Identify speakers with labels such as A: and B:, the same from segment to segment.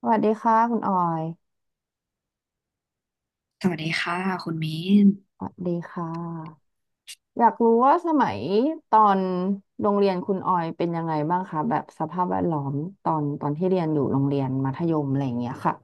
A: สวัสดีค่ะคุณออย
B: สวัสดีค่ะคุณเมน
A: สวัสดีค่ะอยากรู้ว่าสมัยตอนโรงเรียนคุณออยเป็นยังไงบ้างคะแบบสภาพแวดล้อมตอนที่เรียนอยู่โรงเรียนมัธยมอะไรอย่างเงี้ยค่ะ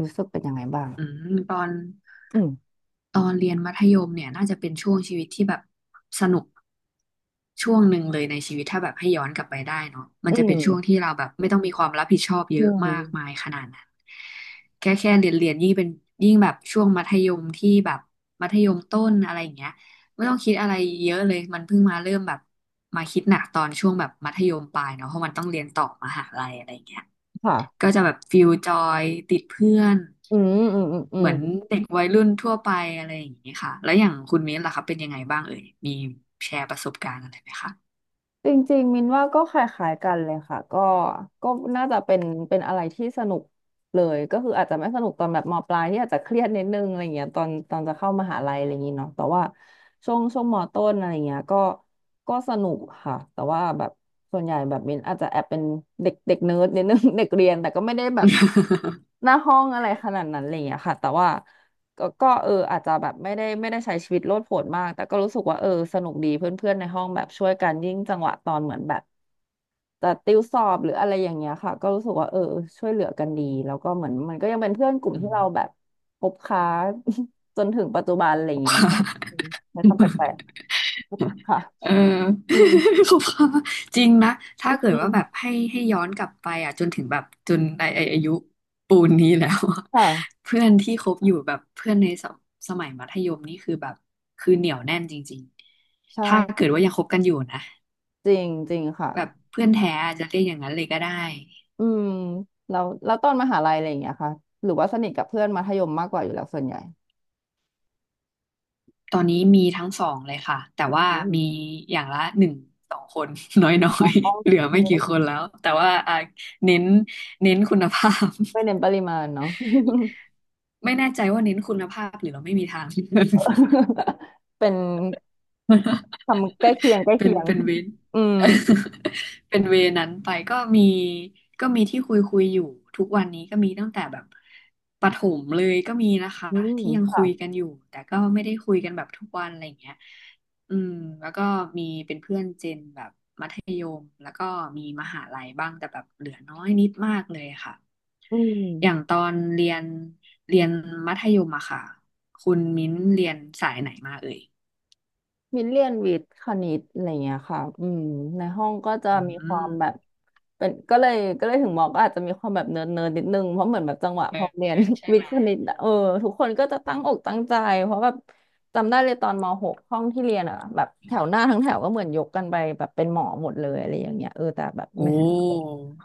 A: รู้สึกเป็นยังไงบ้าง
B: อืมตอน
A: อืม
B: ตอนเรียนมัธยมเนี่ยน่าจะเป็นช่วงชีวิตที่แบบสนุกช่วงหนึ่งเลยในชีวิตถ้าแบบให้ย้อนกลับไปได้เนาะมัน
A: อื
B: จะเป็
A: ม
B: นช่วงที่เราแบบไม่ต้องมีความรับผิดชอบเย
A: อื
B: อะมากมา
A: ม
B: ยขนาดนั้นแค่เรียนยิ่งเป็นยิ่งแบบช่วงมัธยมที่แบบมัธยมต้นอะไรอย่างเงี้ยไม่ต้องคิดอะไรเยอะเลยมันเพิ่งมาเริ่มแบบมาคิดหนักตอนช่วงแบบมัธยมปลายเนาะเพราะมันต้องเรียนต่อมหาลัยอะไรอย่างเงี้ย
A: ค่ะ
B: ก็จะแบบฟิลจอยติดเพื่อน
A: อืมอืมอืมอื
B: เห
A: ม
B: มือนเด็กวัยรุ่นทั่วไปอะไรอย่างนี้ค่ะแล้วอย่างคุณมิ้นล่ะครับเป็นยังไงบ้างเอ่ยมีแชร์ประสบการณ์อะไรไหมคะ
A: จริงๆมินว่าก็คล้ายๆกันเลยค่ะก็น่าจะเป็นอะไรที่สนุกเลยก็คืออาจจะไม่สนุกตอนแบบมปลายที่อาจจะเครียดนิดนึงอะไรเงี้ยตอนจะเข้ามหาลัยอะไรอย่างงี้เนาะแต่ว่าช่วงมต้นอะไรเงี้ยก็สนุกค่ะแต่ว่าแบบส่วนใหญ่แบบมินอาจจะแอบเป็นเด็กเด็กเนิร์ดนิดนึง เด็กเรียนแต่ก็ไม่ได้แบบ หน้าห้องอะไรขนาดนั้นอะไรเงี้ยค่ะแต่ว่า ก็เอออาจจะแบบไม่ได้ใช้ชีวิตโลดโผนมากแต่ก็รู้สึกว่าเออสนุกดีเพื่อนๆในห้องแบบช่วยกันยิ่งจังหวะตอนเหมือนแบบจะติวสอบหรืออะไรอย่างเงี้ยค่ะก็รู้สึกว่าเออช่วยเหลือกันดีแล้วก็เหมือนมันก็ยังเป็นเพื่อนกลุ่ม
B: อื
A: ที่
B: ม
A: เราแบบคบค้า จนถึงปัจจุบันอะไรอย่าง เงี้ยค่ะ
B: ค่ะ
A: อืมใช้คำแปลกๆค่ะ
B: เออ
A: อืม
B: ขอบคุณค่ะ จริงนะถ้า
A: อื
B: เกิดว่าแบบ
A: ม
B: ให้ย้อนกลับไปอ่ะจนถึงแบบจนไอ้อายุปูนนี้แล้วอะ
A: ค่ะ
B: เพื่อนที่คบอยู่แบบเพื่อนในสมัยมัธยมนี่คือแบบคือเหนียวแน่นจริงๆ
A: ใช่
B: ถ้าเกิดว่ายังคบกันอยู่นะ
A: จริงจริงค่ะ
B: แบบเพื่อนแท้อาจจะเรียกอย่างนั้นเลยก็ได้
A: อืมแล้วแล้วตอนมหาลัยอะไรอย่างเงี้ยค่ะหรือว่าสนิทกับเพื่อนมัธยมมากกว่าอยู่แล้วส่วนใหญ่
B: ตอนนี้มีทั้งสองเลยค่ะ แต่ว่า
A: อืม
B: มีอย่างละหนึ่งสองคน น้อยๆ เหลือไม่กี่คนแล้ว แต่ว่าอ่ะเน้นเน้นคุณภาพ
A: ไม่เน้นปริมาณเนาะ
B: ไม่แน่ใจว่าเน้นคุณภาพหรือเราไม่มีทาง
A: เป็น คำใกล้เคียงใกล้
B: เป็
A: เคี
B: น
A: ยง
B: เป็นเวร
A: อืม
B: เป็นเวรนั้นไปก็มีก็มีที่คุยอยู่ทุกวันนี้ก็มีตั้งแต่แบบประถมเลยก็มีนะคะ
A: อืม
B: ที่ยัง
A: ค่ะ
B: คุยกันอยู่แต่ก็ไม่ได้คุยกันแบบทุกวันอะไรอย่างเงี้ยอืมแล้วก็มีเป็นเพื่อนเจนแบบมัธยมแล้วก็มีมหาลัยบ้างแต่แบบเหลือน้อยนิดมากเลยค่ะ
A: อื
B: อย่าง
A: ม
B: ตอนเรียนมัธยมอะค่ะคุณมิ้นเรียนสายไหนมาเอ่ย
A: มินเรียนวิทย์คณิตอะไรเงี้ยค่ะอืมในห้องก็จะ
B: อื
A: มีควา
B: ม
A: มแบบเป็นก็เลยถึงมองก็อาจจะมีความแบบเนิร์ดนิดนึงเพราะเหมือนแบบจังหวะ
B: เอ
A: พอเรียน
B: อใช่
A: วิท
B: ไหม
A: ย์คณิตอะเออทุกคนก็จะตั้งอกตั้งใจเพราะแบบจำได้เลยตอนม .6 ห้องที่เรียนอ่ะแบบแถวหน้าทั้งแถวก็เหมือนยกกันไปแบบเป็นหมอหมดเลยอะไรอย่างเงี้ยเออแต่แบบ
B: โอ้
A: ไม่ใช่เรา
B: อ่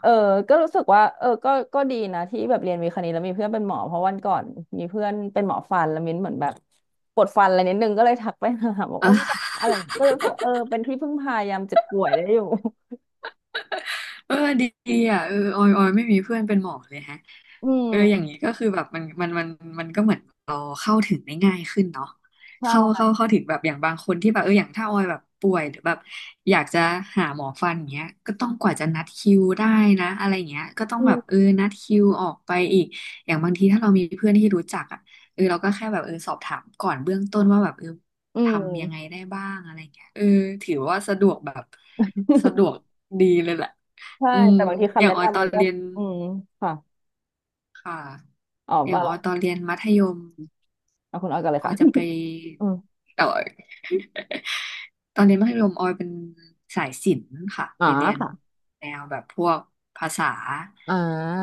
A: เออ
B: า
A: ก็รู้สึกว่าเออก็ดีนะที่แบบเรียนวิทย์คณิตแล้วมีเพื่อนเป็นหมอเพราะวันก่อนมีเพื่อนเป็นหมอฟันแล้วมิ้นเหมือนแบบปวดฟันอะไรนิดนึงก็เลยทักไปหาบอกโอ้ อะไรอย่างเงี้ยก็เลยรู้สึกว่าเออเป็นที่พึ่งพายามเจ็บป่วยได้อยู่
B: เออดีอ่ะเออออยไม่มีเพื่อนเป็นหมอเลยฮะ
A: อื
B: เอออย่าง
A: ม
B: นี้ก็คือแบบมันมันก็เหมือนเราเข้าถึงได้ง่ายขึ้นเนาะเข้าเข้า
A: ใช่
B: เข้าถึงแบบอย่างบางคนที่แบบเอออย่างถ้าออยแบบป่วยหรือแบบอยากจะหาหมอฟันอย่างเงี้ยก็ต้องกว่าจะนัดคิวได้นะอะไรเงี้ยก็ต้อง
A: อื
B: แบบเออ
A: ม
B: นัดคิวออกไปอีกอย่างบางทีถ้าเรามีเพื่อนที่รู้จักอ่ะเออเราก็แค่แบบเออสอบถามก่อนเบื้องต้นว่าแบบเออ
A: อื
B: ทำยังไง
A: ม
B: ได้บ้างอะไรเงี้ยเออถือว่าสะดวกแบบสะดวกดีเลยแหละ
A: ใช่
B: อืม
A: แต่บางที
B: อ
A: คำ
B: ย่าง
A: แนะ
B: ออยต
A: นำ
B: อ
A: มั
B: น
A: นก็
B: เรียน
A: อืมค่ะ
B: ค่ะ
A: อ๋อ
B: อย่า
A: บ้า
B: ง
A: หร
B: ออ
A: อก
B: ยตอนเรียนมัธยม
A: เอาคุณออยกันเลย
B: ออ
A: ค่ะ
B: ยจะไป
A: อืม
B: แต่ออย ตอนเรียน มัธยมออยเป็นสายศิลป์ค่ะ
A: อ๋อ
B: ไปเรียน
A: ค่ะ
B: แนวแบบพวกภาษา
A: อ่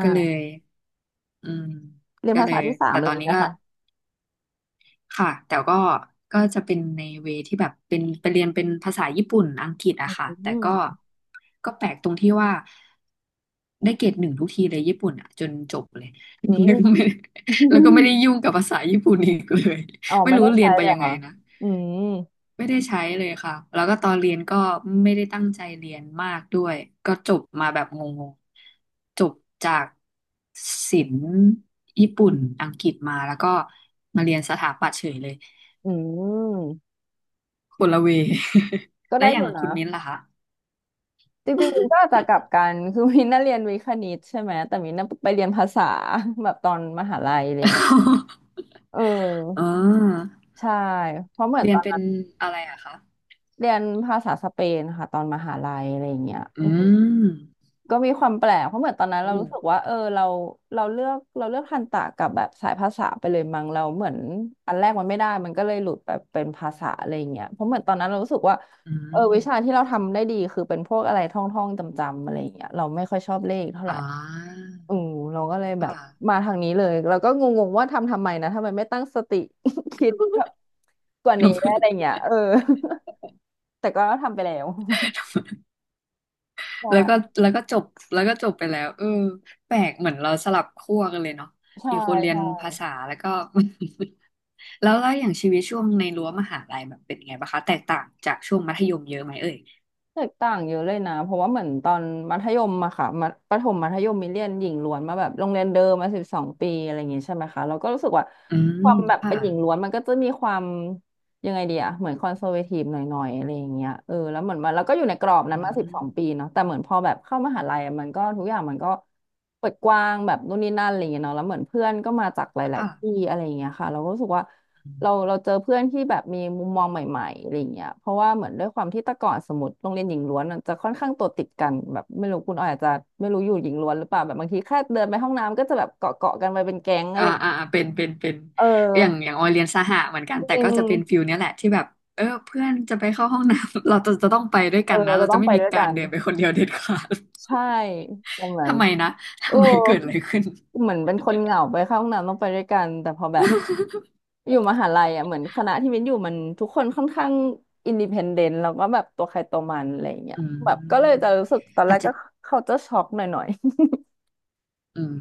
B: ก็เลยอืม
A: เรียน
B: ก็
A: ภา
B: เล
A: ษา
B: ย
A: ที่สาม
B: แต่
A: เล
B: ตอ
A: ย
B: นนี้
A: นะ
B: ก็
A: คะ
B: ค่ะแต่ก็ก็จะเป็นในเวที่แบบเป็นไปเรียนเป็นภาษาญี่ปุ่นอังกฤษอะค่ะ
A: อื
B: แต่ก็
A: ม
B: ก็แปลกตรงที่ว่าได้เกรดหนึ่งทุกทีเลยญี่ปุ่นอะจนจบเลย
A: อื
B: แล้วก็ไม่
A: ม
B: แล้วก็ไม่ได้ ยุ่งกับภาษาญี่ปุ่นอีกเลย
A: อ๋อ
B: ไม่
A: ไม่
B: รู้
A: ได้
B: เรี
A: ใช้
B: ยนไป
A: เลย
B: ยั
A: เหรอ
B: งไง
A: ค่ะ
B: นะ
A: อืม
B: ไม่ได้ใช้เลยค่ะแล้วก็ตอนเรียนก็ไม่ได้ตั้งใจเรียนมากด้วยก็จบมาแบบงงๆจบจากศิลป์ญี่ปุ่นอังกฤษมาแล้วก็มาเรียนสถาปัตย์เฉยเลย
A: อืม
B: คนละเว
A: ก็
B: แล้
A: ได้
B: วอ
A: อ
B: ย่า
A: ยู่
B: ง
A: นะ
B: คุณมิ้นท์ล่ะคะ
A: จริงๆมินก็อาจจะกลับกันคือมินน่ะเรียนวิทย์คณิตใช่ไหมแต่มินน่ะไปเรียนภาษาแบบตอนมหาลัยอะไรอย่างเงี้ย เอ
B: อ่
A: อ
B: า
A: ใช่เพราะเหมือน
B: เรี
A: ต
B: ย
A: อ
B: น
A: น
B: เป็น
A: นั้น
B: อะไรอะคะ
A: เรียนภาษาสเปนค่ะตอนมหาลัยอะไรอย่างเงี้ย
B: อื
A: อืม
B: ม
A: ก็มีความแปลกเพราะเหมือนตอนนั้นเรา
B: โอ้
A: รู้สึกว่าเออเราเราเลือกเราเลือกทันตะกับแบบสายภาษาไปเลยมั้งเราเหมือนอันแรกมันไม่ได้มันก็เลยหลุดไปเป็นภาษาอะไรอย่างเงี้ยเพราะเหมือนตอนนั้นเรารู้สึกว่า
B: อื
A: เออวิชา
B: ม
A: ที่เราทำได้ดีคือเป็นพวกอะไรท่องท่องจำจำๆอะไรอย่างเงี้ยเราไม่ค่อยชอบเลขเท่าไหร่
B: อ่า
A: อืมเราก็เลยแบบ
B: ค่ะ
A: มาทางนี้เลยเราก็งงๆว่าทำไมนะทำไมไม่ตั้งสติ คิดแบบ กว่านี้อะไรเงี้ยเออ แต่ก็ทำไปแล้ว
B: แล้วก็
A: ใช่
B: แล้วก็จบแล้วก็จบไปแล้วเออแปลกเหมือนเราสลับขั้วกันเลยเนาะ
A: ใช่
B: มีคนเรียนภา
A: ใช่
B: ษาแล้วก็ แล้วอย่างชีวิตช่วงในรั้วมหาลัยแบบเป็นไงบ้างคะแตกต่างจากช่วงมัธยมเยอะไหมเอ่ย
A: แตกต่างเยอะเลยนะเพราะว่าเหมือนตอนมัธยมอะค่ะมัธประถมมัธยมมีเรียนหญิงล้วนมาแบบโรงเรียนเดิมมาสิบสองปีอะไรอย่างงี้ใช่ไหมคะเราก็รู้สึกว่า
B: อืม
A: ความแบบ
B: ค่ะ
A: เป็นหญิงล้วนมันก็จะมีความยังไงดีอะเหมือนคอนเซอร์เวทีฟหน่อยๆอะไรอย่างเงี้ยเออแล้วเหมือนมันแล้วก็อยู่ในกรอบนั้
B: อื
A: นมาสิบ
B: ม
A: สองปีเนาะแต่เหมือนพอแบบเข้ามหาลัยอะมันก็ทุกอย่างมันก็เปิดกว้างแบบนู่นนี่นั่นอะไรอย่างเงี้ยเนาะแล้วเหมือนเพื่อนก็มาจากหลายๆที่
B: ค่ะ
A: อะไรอย่างเงี้ยค่ะเราก็รู้สึกว่า เราเจอเพื่อนที่แบบมีมุมมองใหม่ๆ อะไรเงี้ยเพราะว่าเหมือนด้วยความที่แต่ก่อนสมมติโรงเรียนหญิงล้วนมันจะค่อนข้างตัวติดกันแบบไม่รู้คุณออยอาจจะไม่รู้อยู่หญิงล้วนหรือเปล่าแบบบางทีแค่เดินไปห้องน้ำก็จะแบบเกาะกันไปเป็นแก๊งอะ
B: อ่า
A: ไร
B: อ่าอ่าเป็น
A: เอ
B: อย่าง
A: อ
B: อย่างออยเรียนสหะเหมือนกัน
A: จ
B: แต่
A: ริง
B: ก็จะเป็นฟิลเนี้ยแหละที่แบบเออเพื่อนจะไปเข้าห้องน้ำ เราจะต้องไปด้วย
A: เอ
B: กัน
A: อ
B: นะ
A: เรา
B: เรา
A: ต้
B: จะ
A: อง
B: ไม่
A: ไป
B: มี
A: ด้วย
B: กา
A: กั
B: ร
A: น
B: เดินไปคนเดียวเด็ดขาด
A: ใช่ตรง นั้น
B: ทำไมนะ
A: โอ้
B: ทำไมเกิดอะไรขึ้น
A: เหมือนเป็นคนเหงาไปเข้าห้องน้ำต้องไปด้วยกันแต่พอแบบ อยู่มหาลัยอ่ะเหมือนคณะที่มิ้นอยู่มันทุกคนค่อนข้างอินดิเพนเดนต์แล้วก็แบบตัวใครตัวมันอะไรอย่างเงี้ย
B: อืม
A: แบบก็เลยจะรู้สึกตอนแร
B: อาจ
A: ก
B: จะ
A: ก็เขาจะช็อกหน่อย
B: อืม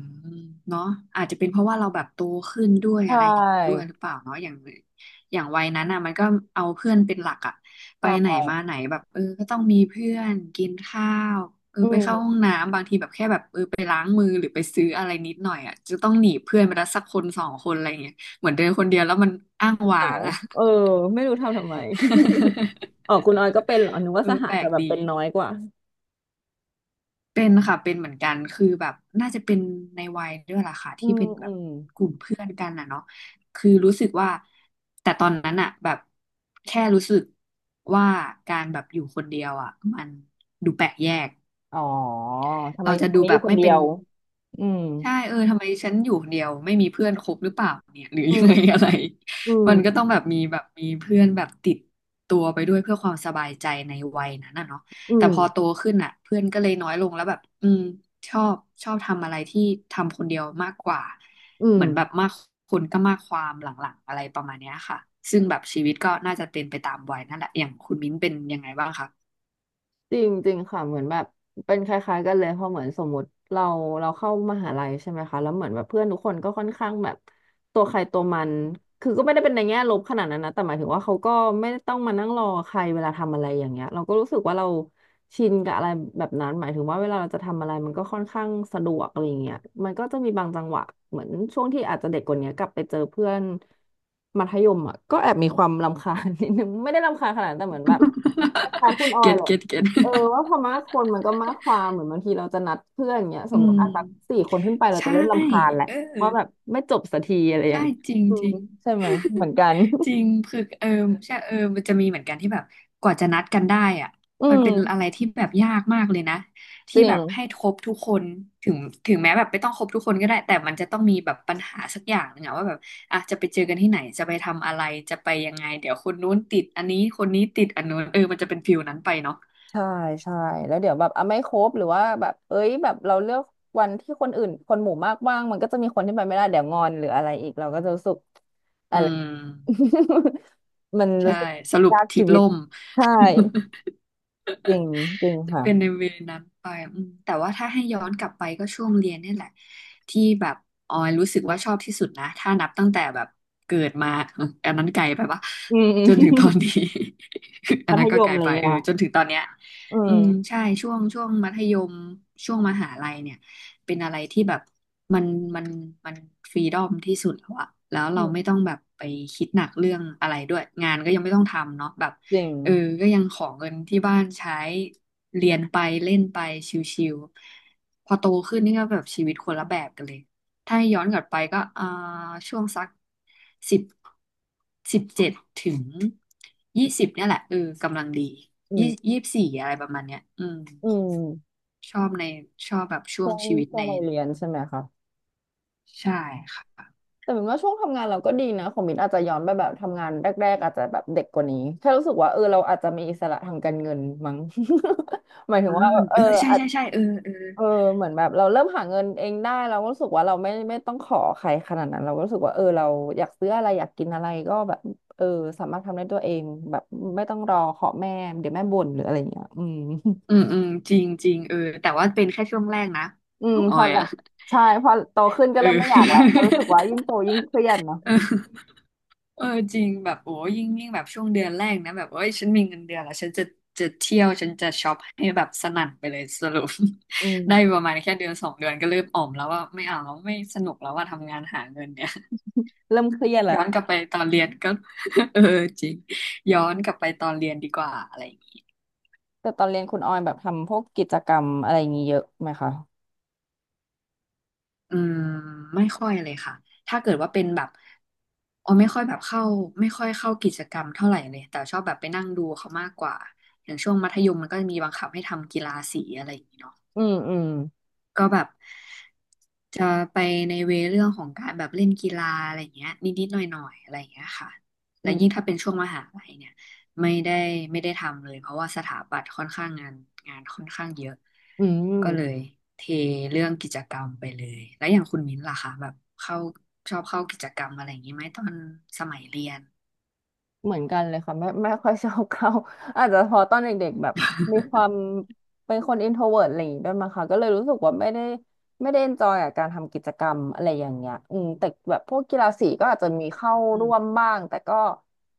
B: เนาะอาจจะเป็นเพราะว่าเราแบบโตขึ้นด้ว
A: ๆ
B: ย
A: ใช
B: อะไรอย่างนี้ด้วย
A: ่
B: หรือเปล่าเนาะอย่างวัยนั้นอ่ะมันก็เอาเพื่อนเป็นหลักอ่ะไปไหน
A: ค่
B: มาไหนแบบเออก็ต้องมีเพื่อนกินข้าวเออ
A: อื
B: ไปเข้าห้อ
A: ม
B: งน้ำบางทีแบบแค่แบบเออไปล้างมือหรือไปซื้ออะไรนิดหน่อยอ่ะจะต้องหนีเพื่อนไปละสักคนสองคนอะไรอย่างเงี้ยเหมือนเดินคนเดียวแล้วมันอ้าง
A: เห
B: ว้า
A: งา
B: งอ่ะ
A: เออไม่รู้ทำไม อ๋อคุณออยก็เป็นเหรอนึกว่า
B: เอ
A: ส
B: อ
A: หะ
B: แปล
A: จะ
B: ก
A: แบบ
B: ดี
A: เป็นน้อยกว่า
B: เป็นค่ะเป็นเหมือนกันคือแบบน่าจะเป็นในวัยด้วยล่ะค่ะ
A: อื
B: ที่
A: ม
B: เป็นแบ
A: อื
B: บ
A: ม
B: กลุ่มเพื่อนกันน่ะเนาะคือรู้สึกว่าแต่ตอนนั้นอะแบบแค่รู้สึกว่าการแบบอยู่คนเดียวอะมันดูแปลกแยก
A: อ๋อทำไม
B: เราจะ
A: คน
B: ดู
A: นี้อ
B: แบ
A: ยู่
B: บ
A: คน
B: ไม่
A: เดี
B: เป็
A: ย
B: น
A: วอืม
B: ใช่เออทำไมฉันอยู่คนเดียวไม่มีเพื่อนคบหรือเปล่าเนี่ยหรือ
A: อื
B: ยัง
A: ม
B: ไงอะไร
A: อื ม
B: มันก็ต้องแบบมีเพื่อนแบบติดตัวไปด้วยเพื่อความสบายใจในวัยนั้นน่ะเนาะ
A: อื
B: แต่
A: ม
B: พอโตขึ้นอ่ะเพื่อนก็เลยน้อยลงแล้วแบบอืมชอบชอบทำอะไรที่ทำคนเดียวมากกว่า
A: อื
B: เห
A: ม
B: มือนแบบมากคนก็มากความหลังๆอะไรประมาณเนี้ยค่ะซึ่งแบบชีวิตก็น่าจะเป็นไปตามวัยนั่นแหละอย่างคุณมิ้นเป็นยังไงบ้างคะ
A: จริงจริงค่ะเหมือนแบบเป็นคล้ายๆกันเลยเพราะเหมือนสมมติเราเข้ามหาลัยใช่ไหมคะแล้วเหมือนแบบเพื่อนทุกคนก็ค่อนข้างแบบตัวใครตัวมันคือก็ไม่ได้เป็นในแง่ลบขนาดนั้นนะแต่หมายถึงว่าเขาก็ไม่ได้ต้องมานั่งรอใครเวลาทำอะไรอย่างเงี้ยเราก็รู้สึกว่าเราชินกับอะไรแบบนั้นหมายถึงว่าเวลาเราจะทำอะไรมันก็ค่อนข้างสะดวกอะไรอย่างเงี้ยมันก็จะมีบางจังหวะเหมือนช่วงที่อาจจะเด็กกว่านี้กลับไปเจอเพื่อนมัธยมอ่ะก็แอบมีความรำคาญ นิดนึงไม่ได้รำคาญขนาดนั้นแต่เหมือนแบบคล้ายๆคุณอ อย
B: เก็ต
A: เหละ
B: เก็ตเก็ต
A: เออว่าพอมากคนมันก็มากความเหมือนบางทีเราจะนัดเพื่อนอย่างเงี้ยส
B: อื
A: มมติ
B: ม
A: อ่ะสักสี่คนขึ้นไปเราจะ
B: ใช่
A: เริ่มรำคาญแหละ
B: เออ
A: ว่าแบบไม่จบสักทีอะไรอย่า
B: ใช่
A: งเงี้ย
B: จริง
A: อื
B: จ
A: ม
B: ริง
A: ใช่ไหมเหมือนกัน
B: จริงคือเออใช่เออมันจะมีเหมือนกันที่แบบกว่าจะนัดกันได้อะ
A: อื
B: มัน
A: ม
B: เป็นอะไรที่แบบยากมากเลยนะ
A: จ
B: ที่
A: ริ
B: แบบให้
A: ง
B: ครบทุกคนถึงถึงแม้แบบไม่ต้องครบทุกคนก็ได้แต่มันจะต้องมีแบบปัญหาสักอย่างหนึ่งอะว่าแบบอ่ะจะไปเจอกันที่ไหนจะไปทำอะไรจะไปยังไงเดี๋ยวคนนู้นติดอันนี้คนนี้ติดอันนู้นเออมันจะเป็นฟิลนั้นไปเนาะ
A: ใช่ใช่แล้วเดี๋ยวแบบอ่ะไม่ครบหรือว่าแบบเอ้ยแบบเราเลือกวันที่คนอื่นคนหมู่มากว่างมันก็จะมีคนที่ไปไม่ได้เดี๋ยวงอนหรืออะไรอีกเราก็จะรู้สึกอะไร
B: อืม
A: มันรู้
B: ใช่
A: สึก
B: สรุป
A: ยาก
B: ทริ
A: ชี
B: ป
A: วิต
B: ล่ม
A: ใช่จริงจริง
B: จะ
A: ค่ะ
B: เป็นในเวนั้นไปอืมแต่ว่าถ้าให้ย้อนกลับไปก็ช่วงเรียนเนี่ยแหละที่แบบออยรู้สึกว่าชอบที่สุดนะถ้านับตั้งแต่แบบเกิดมา เอออันนั้นไกลไปปะ
A: อืม อืม
B: จนถึงตอนนี้ อั
A: มั
B: น
A: ธ
B: นั้น
A: ย
B: ก็ไก
A: ม
B: ล
A: อะไรอ
B: ไป
A: ย่างเงี้
B: เอ
A: ย
B: อจนถึงตอนเนี้ย
A: อื
B: อืม
A: ม
B: ใช่ช่วงช่วงมัธยมช่วงมหาลัยเนี่ยเป็นอะไรที่แบบมันมันมันฟรีดอมที่สุดแล้วอะแล้ว
A: อื
B: เรา
A: ม
B: ไม่ต้องแบบไปคิดหนักเรื่องอะไรด้วยงานก็ยังไม่ต้องทำเนาะแบบ
A: จริง
B: เออก็ยังขอเงินที่บ้านใช้เรียนไปเล่นไปชิวๆพอโตขึ้นนี่ก็แบบชีวิตคนละแบบกันเลยถ้าย้อนกลับไปก็ช่วงสักสิบ17ถึงยี่สิบเนี่ยแหละเออกำลังดี
A: อื
B: ยี่
A: ม
B: ยี่สิบสี่อะไรประมาณเนี้ยอืม
A: อืม
B: ชอบในชอบแบบช่ว
A: ช่
B: ง
A: วง
B: ชีวิต
A: ช่ว
B: ใน
A: งวัยเรียนใช่ไหมคะ
B: ใช่ค่ะ
A: แต่เหมือนว่าช่วงทำงานเราก็ดีนะของมินอาจจะย้อนไปแบบทำงานแรกๆอาจจะแบบเด็กกว่านี้แค่รู้สึกว่าเออเราอาจจะมีอิสระทางการเงินมั้ง หมายถึ
B: อ่า
A: งว่าเอ
B: เอ
A: อ
B: อใช่
A: อาจ
B: ใช่ใช่เออเออ
A: เออเหมือนแบบเราเริ่มหาเงินเองได้เราก็รู้สึกว่าเราไม่ต้องขอใครขนาดนั้นเราก็รู้สึกว่าเออเราอยากซื้ออะไรอยากกินอะไรก็แบบเออสามารถทำได้ตัวเองแบบไม่ต้องรอขอแม่เดี๋ยวแม่บ่นหรืออะไรอย่างเงี้ยอืม
B: อืมอืมจริงจริงเออแต่ว่าเป็นแค่ช่วงแรกนะ
A: อืม
B: อ
A: พ
B: อ
A: อ
B: ย
A: ละ
B: อ่ะ
A: ใช่พอโตขึ้นก็
B: เออ
A: เริ่มไม่อยากละเพราะรู้สึกว่ายิ่งโตยิ่งเครียดเนาะ
B: เออ เออจริงแบบโอ้ยิ่งแบบช่วงเดือนแรกนะแบบเอ้ยฉันมีเงินเดือนแล้วฉันจะเที่ยวฉันจะช็อปให้แบบสนั่นไปเลยสรุป
A: อืม
B: ได้ประมาณแค่เดือนสองเดือนก็เริ่มอ่อมแล้วว่าไม่เอาแล้วไม่สนุกแล้วว่าทำงานหาเงินเนี่ย
A: เริ่มเครียด
B: ย้
A: ละ
B: อนกลับไปตอนเรียนก็ เออจริงย้อนกลับไปตอนเรียนดีกว่าอะไรอย่างงี้
A: แต่ตอนเรียนคุณออยแบบทำพวกกิจกรรมอะไรอย่างงี้เยอะไหมคะ
B: อืมไม่ค่อยเลยค่ะถ้าเกิดว่าเป็นแบบอ๋อไม่ค่อยแบบเข้าไม่ค่อยเข้ากิจกรรมเท่าไหร่เลยแต่ชอบแบบไปนั่งดูเขามากกว่าอย่างช่วงมัธยมมันก็จะมีบังคับให้ทำกีฬาสีอะไรอย่างนี้เนาะ
A: อืมอืม
B: ก็แบบจะไปในเวเรื่องของการแบบเล่นกีฬาอะไรเงี้ยนิดๆหน่อยๆอะไรเงี้ยค่ะและ
A: อื
B: ยิ่ง
A: ม
B: ถ้าเป็นช่วงมหาลัยเนี่ยไม่ได้ไม่ได้ทำเลยเพราะว่าสถาปัตย์ค่อนข้างงานงานค่อนข้างเยอะ
A: อื
B: ก็เลย
A: ม
B: เทเรื่องกิจกรรมไปเลยแล้วอย่างคุณมิ้นท์ล่ะคะแบบเข้าชอบเข้ากิจกรรมอะไรอย่างนี้ไหมตอนสมัยเรียน
A: เหมือนกันเลยค่ะไม่ค่อยชอบเข้า อาจจะเพอตอนเด็กๆแบบมีค วามเป็นคนอินโทรเวิร์ตอะไรอย่างงี้ด้วยมั้งคะก็เลยรู้สึกว่าไม่ได้เอนจอยกับการทำกิจกรรมอะไรอย่างเงี้ยอืมแต่แบบพวกกีฬาสีก็อาจจะมีเข้า
B: อื
A: ร่วม
B: ม
A: บ้างแต่ก็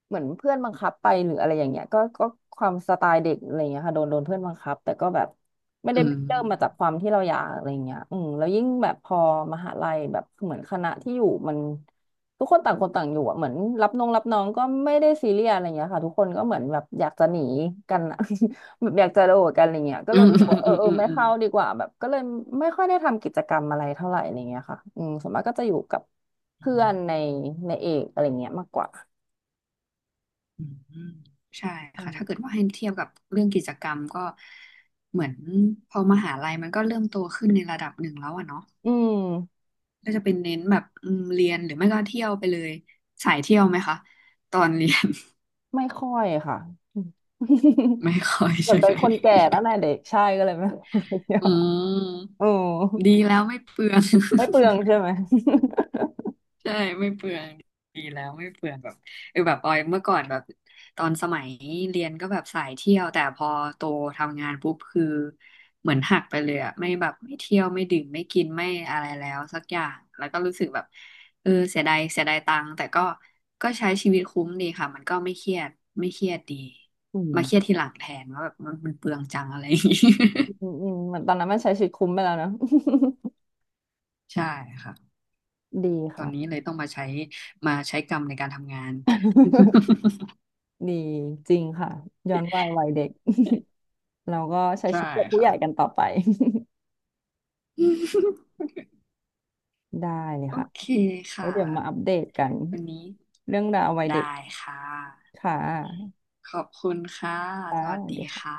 A: เหมือนเพื่อนบังคับไปหรืออะไรอย่างเงี้ยก็ความสไตล์เด็กอะไรอย่างเงี้ยค่ะโดนเพื่อนบังคับแต่ก็แบบไม่ได้
B: อื
A: เริ่มมาจาก
B: ม
A: ความที่เราอยากอะไรอย่างเงี้ยอืมแล้วยิ่งแบบพอมหาลัยแบบเหมือนคณะที่อยู่มัน ทุกคนต่างคนต่างอยู่อะเหมือนรับน้องก็ไม่ได้ซีเรียสอะไรเงี้ยค่ะทุกคนก็เหมือนแบบอยากจะหนีกันอะ แบบอยากจะโดดกันอะไรเงี้ยก็
B: อื
A: เลย
B: ม
A: รู้สึกว่าเออ เออ
B: อืมอืม
A: ไม่
B: อืม
A: เข้าดีกว่าแบบก็เลยไม่ค่อยได้ทำกิจกรรมอะไรเท่าไหร่อะไรเงี้ยค่ะอืมส่วนมากก็จะอยู่กับ
B: อื
A: เพื่อ
B: ม
A: นในในเอกอะไรเงี้ยมากกว่า
B: อืมใช่ค่ะถ้าเกิ
A: ใช่
B: ดว่าให้เทียบกับเรื่องกิจกรรมก็เหมือนพอมหาลัยมันก็เริ่มโตขึ้นในระดับหนึ่งแล้วอะเนาะ
A: อืม
B: ก็จะเป็นเน้นแบบอืมเรียนหรือไม่ก็เที่ยวไปเลยสายเที่ยวไหมคะตอนเรียน
A: ไม่ค่อยค่ะ อืม
B: ไม่ค่อย
A: เหมือ
B: ใช่
A: นเป็
B: ไห
A: น
B: ม
A: คนแก่แล้วนะเด็กใช่ก็เลยไม่ค่อยได้เที่ย ว
B: อืม
A: อืม
B: ดีแล้วไม่เปลือง
A: ไม่เปลืองใช่ไหม
B: ใช่ไม่เปลืองดีแล้วไม่เปลืองแบบเออแบบออยเมื่อก่อนแบบตอนสมัยเรียนก็แบบสายเที่ยวแต่พอโตทำงานปุ๊บคือเหมือนหักไปเลยอะไม่แบบไม่เที่ยวไม่ดื่มไม่กินไม่อะไรแล้วสักอย่างแล้วก็รู้สึกแบบเออเสียดายเสียดายตังค์แต่ก็ใช้ชีวิตคุ้มดีค่ะมันก็ไม่เครียดไม่เครียดดี
A: อื
B: มา
A: ม
B: เครียดทีหลังแทนว่าแบบมันเปลืองจังอะไรอย่างงี้
A: อืมอืมเหมือนตอนนั้นมันใช้ชีวิตคุ้มไปแล้วเนอะ
B: ใช่ค่ะ
A: ดี
B: ตอ
A: ค่ะ
B: นนี้เลยต้องมาใช้กรรมในการทำงาน
A: ดีจริงค่ะย้อนวัยวัยเด็ก เราก็ใช้
B: ใช่
A: ชีวิตแบบผู้ให
B: ค่ะ
A: ญ่กันต่อไป ได้เลย
B: โอ
A: ค่ะ
B: เค
A: แล้ว
B: ค่ะ
A: เดี๋ยวมาอัปเดตกัน
B: วันนี้
A: เรื่องราววัยเด็ก
B: ได้ค่ะ
A: ค่ะ
B: ขอบคุณค่ะ
A: ค่ะ
B: สวั
A: ส
B: ส
A: วัส
B: ดี
A: ดีค่ะ
B: ค่ะ